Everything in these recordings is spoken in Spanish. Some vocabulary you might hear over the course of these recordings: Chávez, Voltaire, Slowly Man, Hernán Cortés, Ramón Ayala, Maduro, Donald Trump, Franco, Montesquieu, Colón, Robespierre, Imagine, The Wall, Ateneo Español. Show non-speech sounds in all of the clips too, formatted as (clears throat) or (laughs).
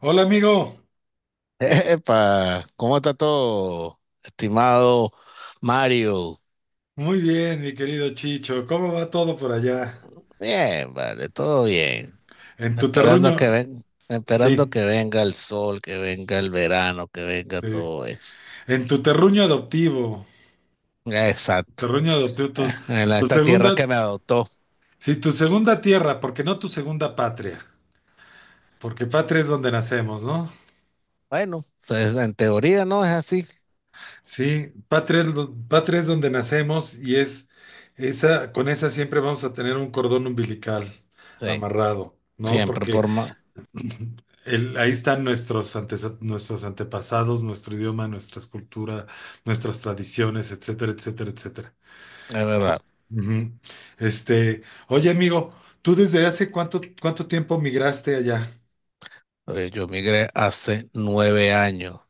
Hola amigo, (laughs) Epa, ¿cómo está todo, estimado Mario? muy bien mi querido Chicho, ¿cómo va todo por allá? Bien, vale, todo bien. En tu Esperando terruño, esperando sí, que venga el sol, que venga el verano, que venga sí. todo eso. En tu Exacto. terruño adoptivo, (laughs) tu, Esta segunda, tierra que me adoptó. sí, tu segunda tierra, porque no tu segunda patria, porque patria es donde nacemos, ¿no? Bueno, pues, en teoría no es así. Sí, patria es donde nacemos y es esa, con esa siempre vamos a tener un cordón umbilical Sí, amarrado, ¿no? siempre Porque por más. Ahí están nuestros antepasados, nuestro idioma, nuestras culturas, nuestras tradiciones, etcétera, etcétera, etcétera. Es verdad. Ujú. Este, oye, amigo, ¿tú desde hace cuánto, tiempo migraste allá? Yo migré hace 9 años.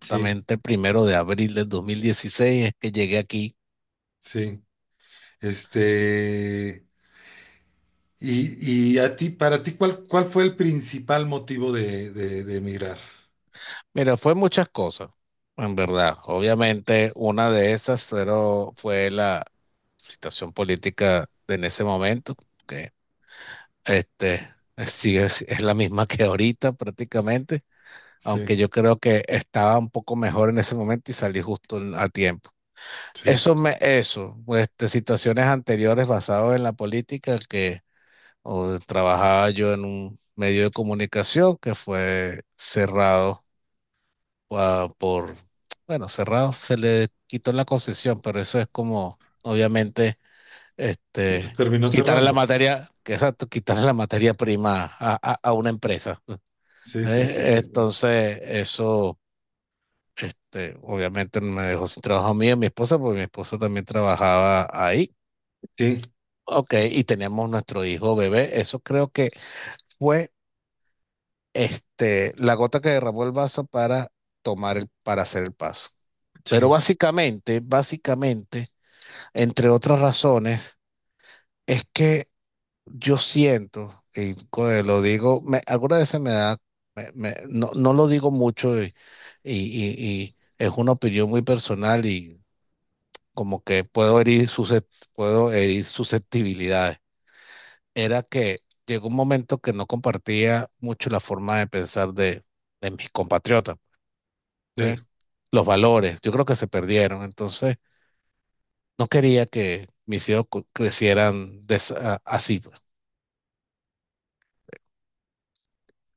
Sí, el 1 de abril del 2016 es que llegué aquí. sí. Este, y a ti, para ti, ¿cuál fue el principal motivo de emigrar? Mira, fue muchas cosas, en verdad. Obviamente, una de esas fue la situación política de en ese momento, que este, (laughs) sí es la misma que ahorita prácticamente, Sí, aunque yo creo que estaba un poco mejor en ese momento y salí justo a tiempo. sí. Eso, pues, de situaciones anteriores basadas en la política, que trabajaba yo en un medio de comunicación que fue cerrado, por, bueno, cerrado, se le quitó la concesión, pero eso es como, obviamente, Sí, pues este, terminó quitarle la cerrando. materia, que exacto, quitarle la materia prima a una empresa. (laughs) Sí, sí, sí, Eh, sí, sí. entonces, eso, obviamente me dejó sin trabajo a mí y a mi esposa, porque mi esposa también trabajaba ahí. Sí, Ok, sí, y teníamos nuestro hijo bebé. Eso creo que fue, la gota que derramó el vaso para para hacer el paso. Pero sí. básicamente, entre otras razones, es que yo siento, y lo digo, me, algunas veces me da, no, no lo digo mucho y- y es una opinión muy personal y como que puedo herir, puedo herir susceptibilidades. Era que llegó un momento que no compartía mucho la forma de pensar de mis compatriotas, Sí. ¿eh? Los valores, yo creo que se perdieron. Entonces, no quería que mis hijos crecieran de así, pues.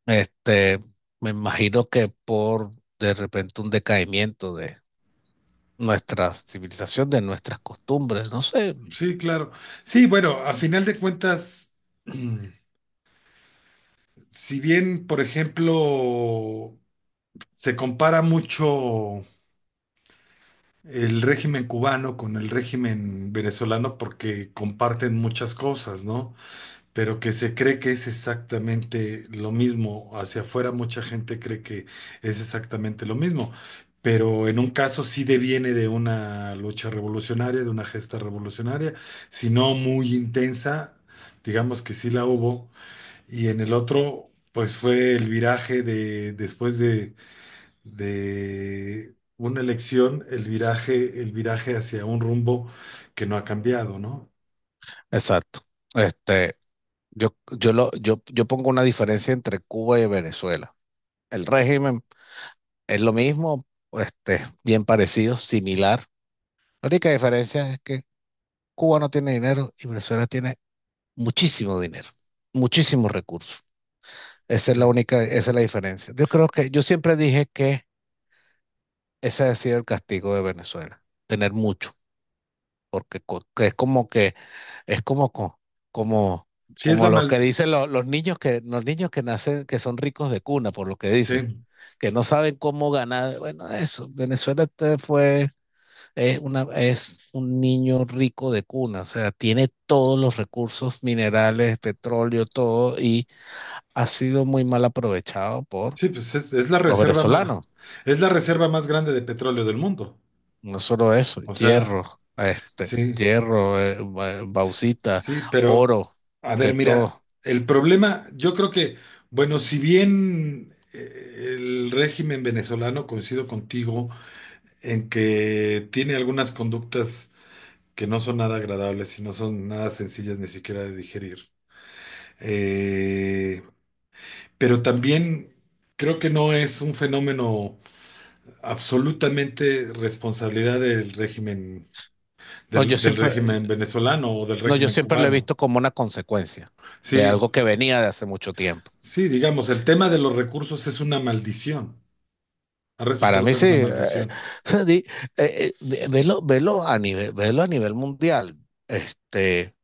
Este, me imagino que por de repente un decaimiento de nuestra civilización, de nuestras costumbres, no sé. Sí, claro. Sí, bueno, a final de cuentas, (clears throat) mm, si bien, por ejemplo, se compara mucho el régimen cubano con el régimen venezolano porque comparten muchas cosas, ¿no? Pero que se cree que es exactamente lo mismo. Hacia afuera mucha gente cree que es exactamente lo mismo, pero en un caso sí deviene de una lucha revolucionaria, de una gesta revolucionaria, si no muy intensa, digamos que sí la hubo, y en el otro, pues fue el viraje de después de una elección, el viraje hacia un rumbo que no ha cambiado, ¿no? Exacto. Este, yo pongo una diferencia entre Cuba y Venezuela. El régimen es lo mismo, bien parecido, similar. La única diferencia es que Cuba no tiene dinero y Venezuela tiene muchísimo dinero, muchísimos recursos. Esa es la Sí. única, esa es la diferencia. Yo creo que, yo siempre dije que ese ha sido el castigo de Venezuela, tener mucho, porque que, es como, co- como, Sí es como la lo que mal, dicen los niños que nacen, que son ricos de cuna, por lo que dicen, sí. que no saben cómo ganar. Bueno, eso, Venezuela te fue, es un niño rico de cuna, o sea, tiene todos los recursos minerales, petróleo, todo, y ha sido muy mal aprovechado por Sí, pues es, es la los reserva más, venezolanos. es la reserva más grande de petróleo del mundo. No solo eso, O sea, este, sí, hierro, bauxita, sí, pero oro, a ver, de mira, todo. el problema, yo creo que, bueno, si bien el régimen venezolano, coincido contigo, en que tiene algunas conductas que no son nada agradables y no son nada sencillas ni siquiera de digerir, eh, pero también creo que no es un fenómeno, absolutamente responsabilidad del régimen, No, yo del régimen siempre, venezolano o del no, yo régimen siempre lo he cubano. visto como una consecuencia de Sí, algo que venía de hace mucho tiempo. sí, digamos, el tema de los recursos es una maldición. Ha Para resultado mí ser sí, una maldición. (laughs) di- velo a nivel mundial. Este,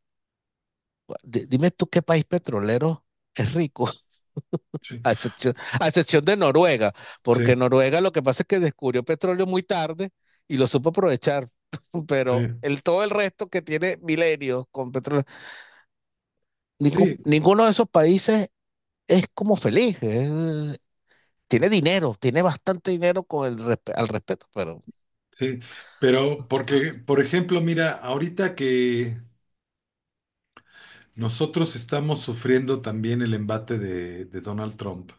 dime tú qué país petrolero es rico. Sí, A excepción, a excepción de Noruega, sí, porque Noruega lo que pasa es que descubrió petróleo muy tarde y lo supo aprovechar, (laughs) sí, pero todo el resto que tiene milenios con petróleo, sí, ninguno de esos países es como feliz, tiene dinero, tiene bastante dinero con el al respeto, pero sí. Pero porque, por ejemplo, mira, ahorita que nosotros estamos sufriendo también el embate de Donald Trump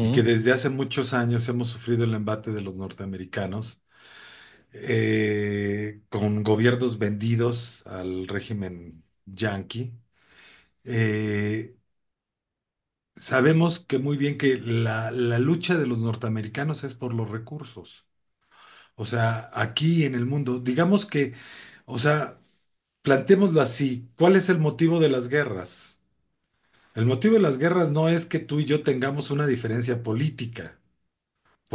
y que desde hace muchos años hemos sufrido el embate de los norteamericanos. Con gobiernos vendidos al régimen yanqui. Eh, Sabemos que muy bien que la lucha de los norteamericanos es por los recursos. O sea, aquí en el mundo, digamos que, o sea, plantémoslo así, ¿cuál es el motivo de las guerras? El motivo de las guerras no es que tú y yo tengamos una diferencia política.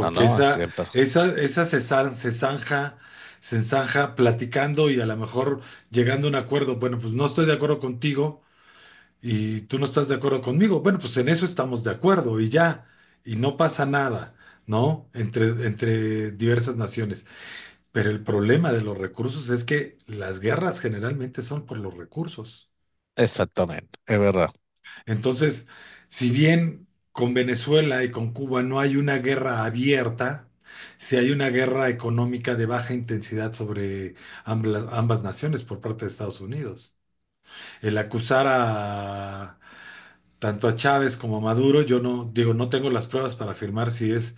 no, no, esa, siempre, esa, esa se zanja platicando y a lo mejor llegando a un acuerdo. Bueno, pues no estoy de acuerdo contigo y tú no estás de acuerdo conmigo. Bueno, pues en eso estamos de acuerdo y ya. Y no pasa nada, ¿no? Entre diversas naciones. Pero el problema de los recursos es que las guerras generalmente son por los recursos. exactamente, es verdad. Entonces, si bien con Venezuela y con Cuba no hay una guerra abierta, sí hay una guerra económica de baja intensidad sobre ambas naciones por parte de Estados Unidos el acusar a tanto a Chávez como a Maduro, yo no digo, no tengo las pruebas para afirmar si es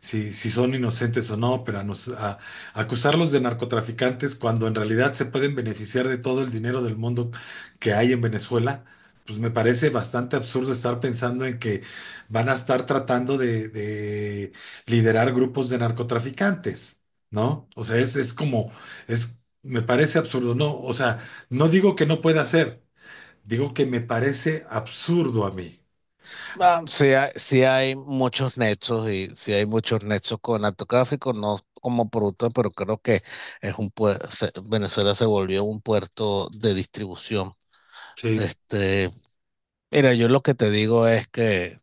si, si son inocentes o no, pero acusarlos de narcotraficantes cuando en realidad se pueden beneficiar de todo el dinero del mundo que hay en Venezuela, pues me parece bastante absurdo estar pensando en que van a estar tratando de liderar grupos de narcotraficantes, ¿no? O sea, me parece absurdo, ¿no? O sea, no digo que no pueda ser. Digo que me parece absurdo a mí. Ah, Ah, sí, sí hay muchos nexos y sí hay muchos nexos con arte gráfico, no como producto, pero creo que es un Venezuela se volvió un puerto de distribución. sí, Este, mira, yo lo que te digo es que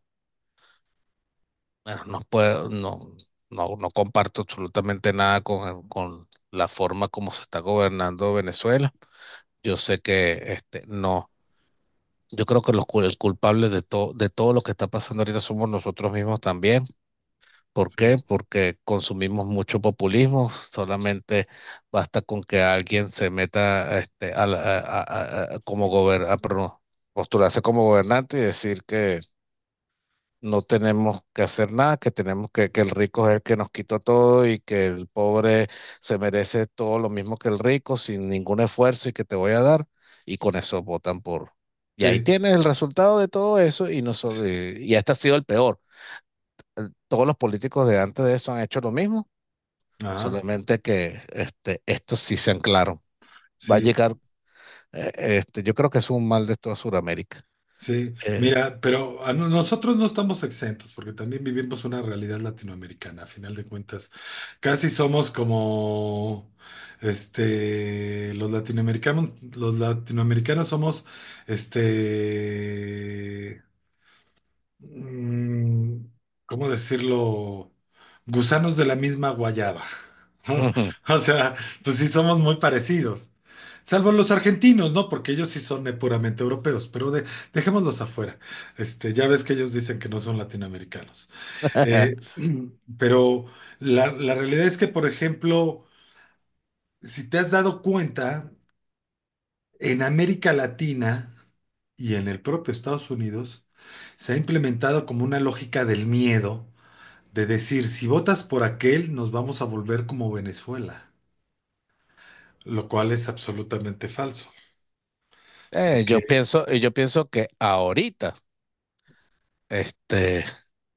bueno, no puedo, no comparto absolutamente nada con, con la forma como se está gobernando Venezuela. Yo sé que no, yo creo que los el culpable de todo lo que está pasando ahorita somos nosotros mismos también. ¿Por sí, qué? Porque consumimos mucho populismo, solamente basta con que alguien se meta este, a, la- a- como gober- a pro- postularse como gobernante y decir que no tenemos que hacer nada, que tenemos que el rico es el que nos quitó todo y que el pobre se merece todo lo mismo que el rico sin ningún esfuerzo y que te voy a dar, y con eso votan por. Y ahí sí, tienes el resultado de todo eso y, no, solo- y este ha sido el peor. Todos los políticos de antes de eso han hecho lo mismo. ajá, Solamente que estos sí sean claros. Va a sí, llegar, eh, yo creo que es un mal de toda Sudamérica. sí. Eh, Mira, pero a no- nosotros no estamos exentos porque también vivimos una realidad latinoamericana, a final de cuentas. Casi somos como, los latinoamericanos somos, este, mm, ¿cómo decirlo? Gusanos de la misma guayaba. ¿No? Ujú. (laughs) O sea, pues sí somos muy parecidos. Salvo los argentinos, ¿no? Porque ellos sí son puramente europeos, pero dejémoslos afuera. Ya ves que ellos dicen que no son latinoamericanos. Eh, (laughs) (clears throat) pero la realidad es que, por ejemplo, si te has dado cuenta, en América Latina y en el propio Estados Unidos, se ha implementado como una lógica del miedo de decir, si votas por aquel, nos vamos a volver como Venezuela, lo cual es absolutamente falso, Yo porque, pienso, yo pienso que ahorita, este,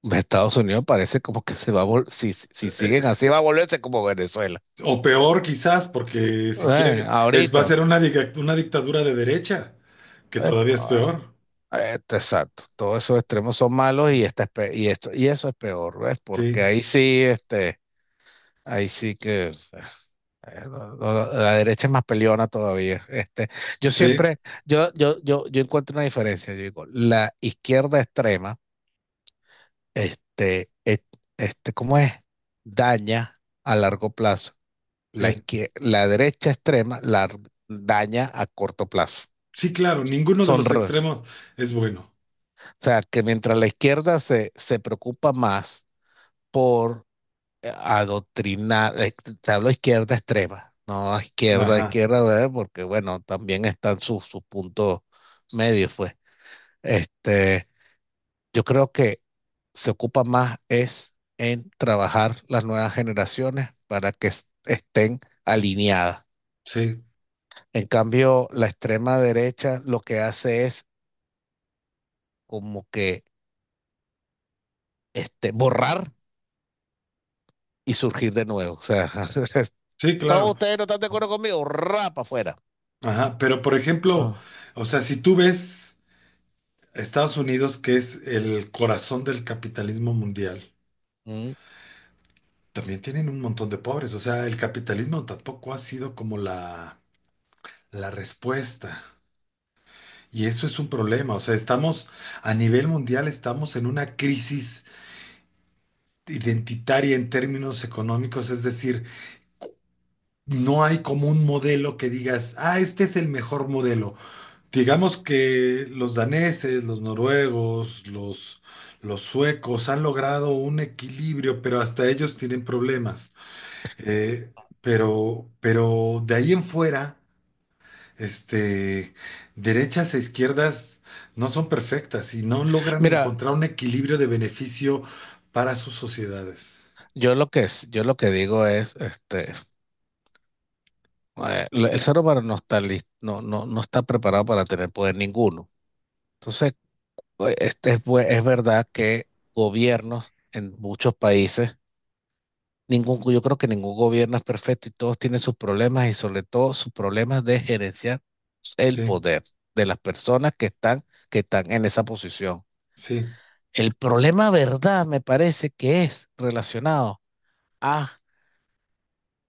Estados Unidos parece como que se va a vol- si, eh, siguen así, va a volverse como Venezuela. o peor quizás, porque si Eh, quiere, va a ahorita, ser una dictadura de derecha, que todavía es epa, peor. Exacto. Todos esos extremos son malos y, y eso es peor, ¿ves? Sí, Porque ahí sí que. No, no, no. La derecha es más peleona todavía. Yo sí, siempre, yo encuentro una diferencia. Yo digo, la izquierda extrema, este, et- ¿cómo es? Daña a largo plazo. La sí. izquier- la derecha extrema daña a corto plazo. Sí, claro, ninguno de Son, los re- o extremos es bueno. sea, que mientras la izquierda se preocupa más por adoctrinar, te hablo de izquierda extrema, no a izquierda, a Ajá, izquierda, ¿verdad? Porque bueno, también están sus puntos medios, pues. Este, yo creo que se ocupa más es en trabajar las nuevas generaciones para que estén alineadas. sí, En cambio, la extrema derecha lo que hace es como que borrar y surgir de nuevo. O sea, (laughs) sí, todos claro. ustedes no están de acuerdo conmigo, rapa afuera. Ajá, pero por ejemplo, Ah. o sea, si tú ves Estados Unidos, que es el corazón del capitalismo mundial, Mm. también tienen un montón de pobres, o sea, el capitalismo tampoco ha sido como la respuesta. Y eso es un problema, o sea, estamos a nivel mundial, estamos en una crisis identitaria en términos económicos, es decir, no hay como un modelo que digas, ah, este es el mejor modelo. Digamos que los daneses, los noruegos, los suecos han logrado un equilibrio, pero hasta ellos tienen problemas. Eh, pero de ahí en fuera, este, derechas e izquierdas no son perfectas y no logran Mira, encontrar un equilibrio de beneficio para sus sociedades. Yo lo que digo es, el ser humano no está listo, no, no, no está preparado para tener poder ninguno. Entonces, es verdad que gobiernos en muchos países, yo creo que ningún gobierno es perfecto y todos tienen sus problemas y sobre todo sus problemas de gerenciar el Sí, poder de las personas que están en esa posición. sí, El problema, verdad, me parece que es relacionado a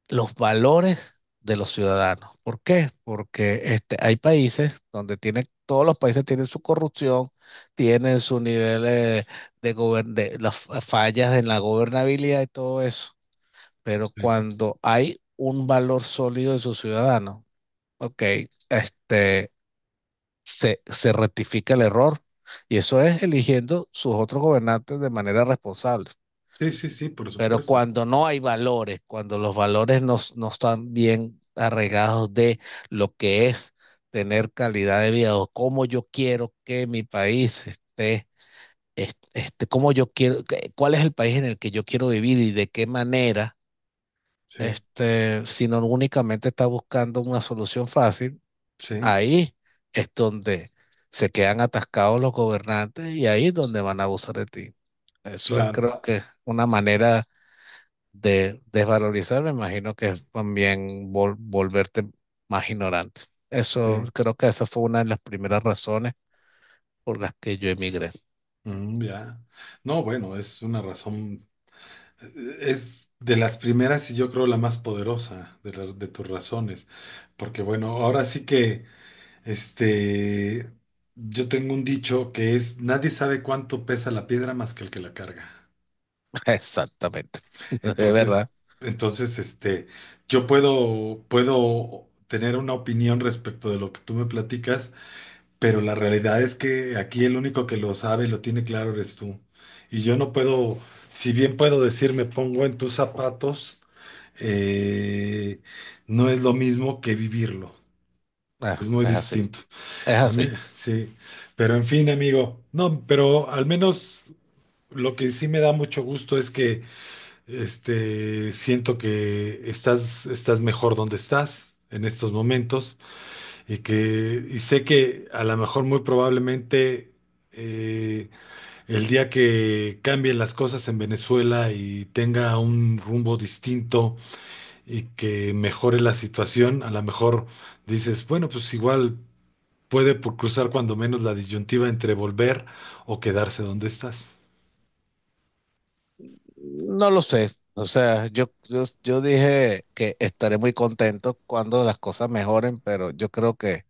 los valores de los ciudadanos. ¿Por qué? Porque hay países donde tienen, todos los países tienen su corrupción, tienen su nivel de, de las fallas en la gobernabilidad y todo eso. Pero sí, cuando hay un valor sólido de sus ciudadanos, ok, este, se rectifica el error. Y eso es eligiendo sus otros gobernantes de manera responsable. sí, sí, sí, por Pero supuesto. cuando no hay valores, cuando los valores no están bien arraigados de lo que es tener calidad de vida o cómo yo quiero que mi país esté, cómo yo quiero, que- cuál es el país en el que yo quiero vivir y de qué manera, Sí, sino únicamente está buscando una solución fácil, sí, ahí es donde se quedan atascados los gobernantes y ahí es donde van a abusar de ti. Eso es, claro. creo que una manera de desvalorizar, me imagino que es también volverte más ignorante. Eso, Sí. creo que esa fue una de las primeras razones por las que yo emigré. Mm, ya. No, bueno, es una razón, es de las primeras y yo creo la más poderosa de, de tus razones, porque bueno, ahora sí que... Este, yo tengo un dicho que es, nadie sabe cuánto pesa la piedra más que el que la carga. (laughs) Exactamente. (laughs) Es verdad. Entonces, entonces, este, yo puedo tener una opinión respecto de lo que tú me platicas, pero la realidad es que aquí el único que lo sabe y lo tiene claro eres tú. Y yo no puedo, si bien puedo decir, me pongo en tus zapatos, eh, no es lo mismo que vivirlo. Ah, Es muy es así. distinto. Es A mí, así. sí, pero en fin, amigo, no, pero al menos lo que sí me da mucho gusto es que siento que estás mejor donde estás en estos momentos y sé que a lo mejor muy probablemente eh, el día que cambien las cosas en Venezuela y tenga un rumbo distinto y que mejore la situación, a lo mejor dices, bueno, pues igual puede por cruzar cuando menos la disyuntiva entre volver o quedarse donde estás. No lo sé. O sea, yo dije que estaré muy contento cuando las cosas mejoren, pero yo creo que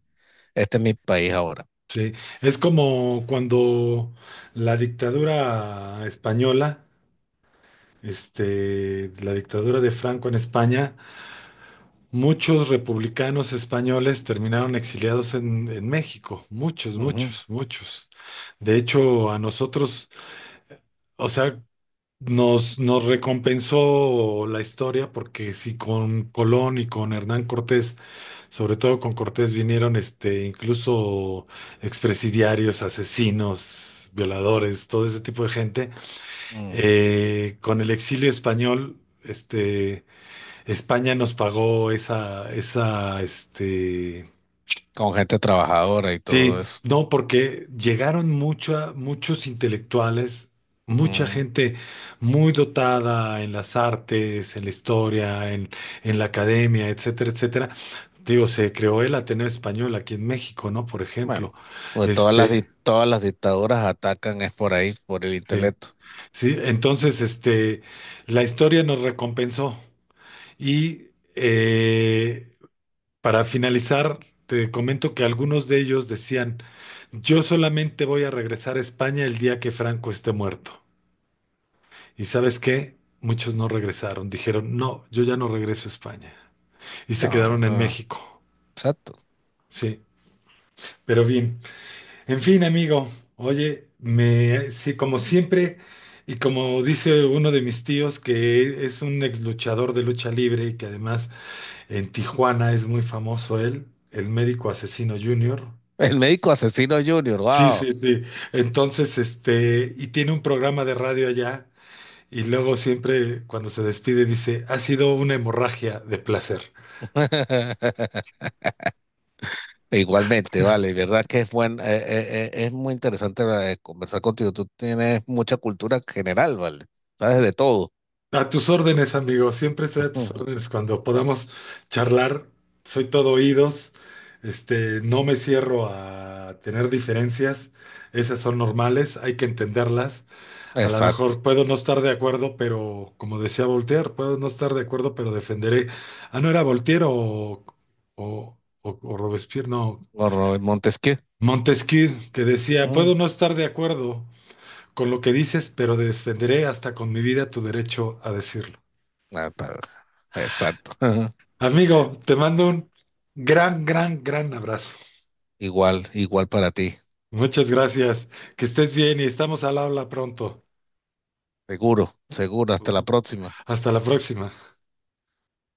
este es mi país ahora. Sí, es como cuando la dictadura española, la dictadura de Franco en España, muchos republicanos españoles terminaron exiliados en México, muchos, Ujú. muchos, muchos. De hecho, a nosotros, o sea, nos recompensó la historia porque si con Colón y con Hernán Cortés. Sobre todo con Cortés vinieron incluso expresidiarios, asesinos, violadores, todo ese tipo de gente. Mm. Con el exilio español, España nos pagó esa, Con gente trabajadora y sí, todo eso. no, porque llegaron muchos intelectuales, mucha Mm. gente muy dotada en las artes, en la historia, en la academia, etcétera, etcétera. Digo, se creó el Ateneo Español aquí en México, ¿no? Por ejemplo, Bueno, pues todas las, este, todas las dictaduras atacan es por ahí, por el sí, intelecto. sí, entonces, la historia nos recompensó. Y eh, para finalizar, te comento que algunos de ellos decían, yo solamente voy a regresar a España el día que Franco esté muerto. ¿Y sabes qué? Muchos no regresaron, dijeron, no, yo ya no regreso a España. Y se No, o quedaron en sea, México, exacto. sí. Pero bien. En fin, amigo, oye, sí, como siempre, y como dice uno de mis tíos, que es un ex luchador de lucha libre y que además en Tijuana es muy famoso él, el médico asesino Junior. El médico asesino Junior, Sí, wow. sí, sí. Entonces, y tiene un programa de radio allá, y luego siempre cuando se despide dice, ha sido una hemorragia de placer. (laughs) Igualmente, vale, verdad que es buen, es muy interesante conversar contigo. Tú tienes mucha cultura general, vale. Sabes de todo. A tus órdenes, amigo. Siempre estoy a tus (laughs) órdenes. Cuando podamos charlar, soy todo oídos. No me cierro a tener diferencias. Esas son normales, hay que entenderlas. A lo Exacto. mejor puedo no estar de acuerdo, pero como decía Voltaire, puedo no estar de acuerdo, pero defenderé. Ah, no era Voltaire o Robespierre, no. O Montesquieu. Montesquieu, que decía, Mm. puedo no estar de acuerdo con lo que dices, pero defenderé hasta con mi vida tu derecho a decirlo. Ah, está. Exacto. (laughs) Amigo, te mando un gran, gran, gran abrazo. Igual, igual para ti. Muchas gracias. Que estés bien y estamos al habla pronto. Seguro, seguro. Hasta la próxima. Hasta la próxima.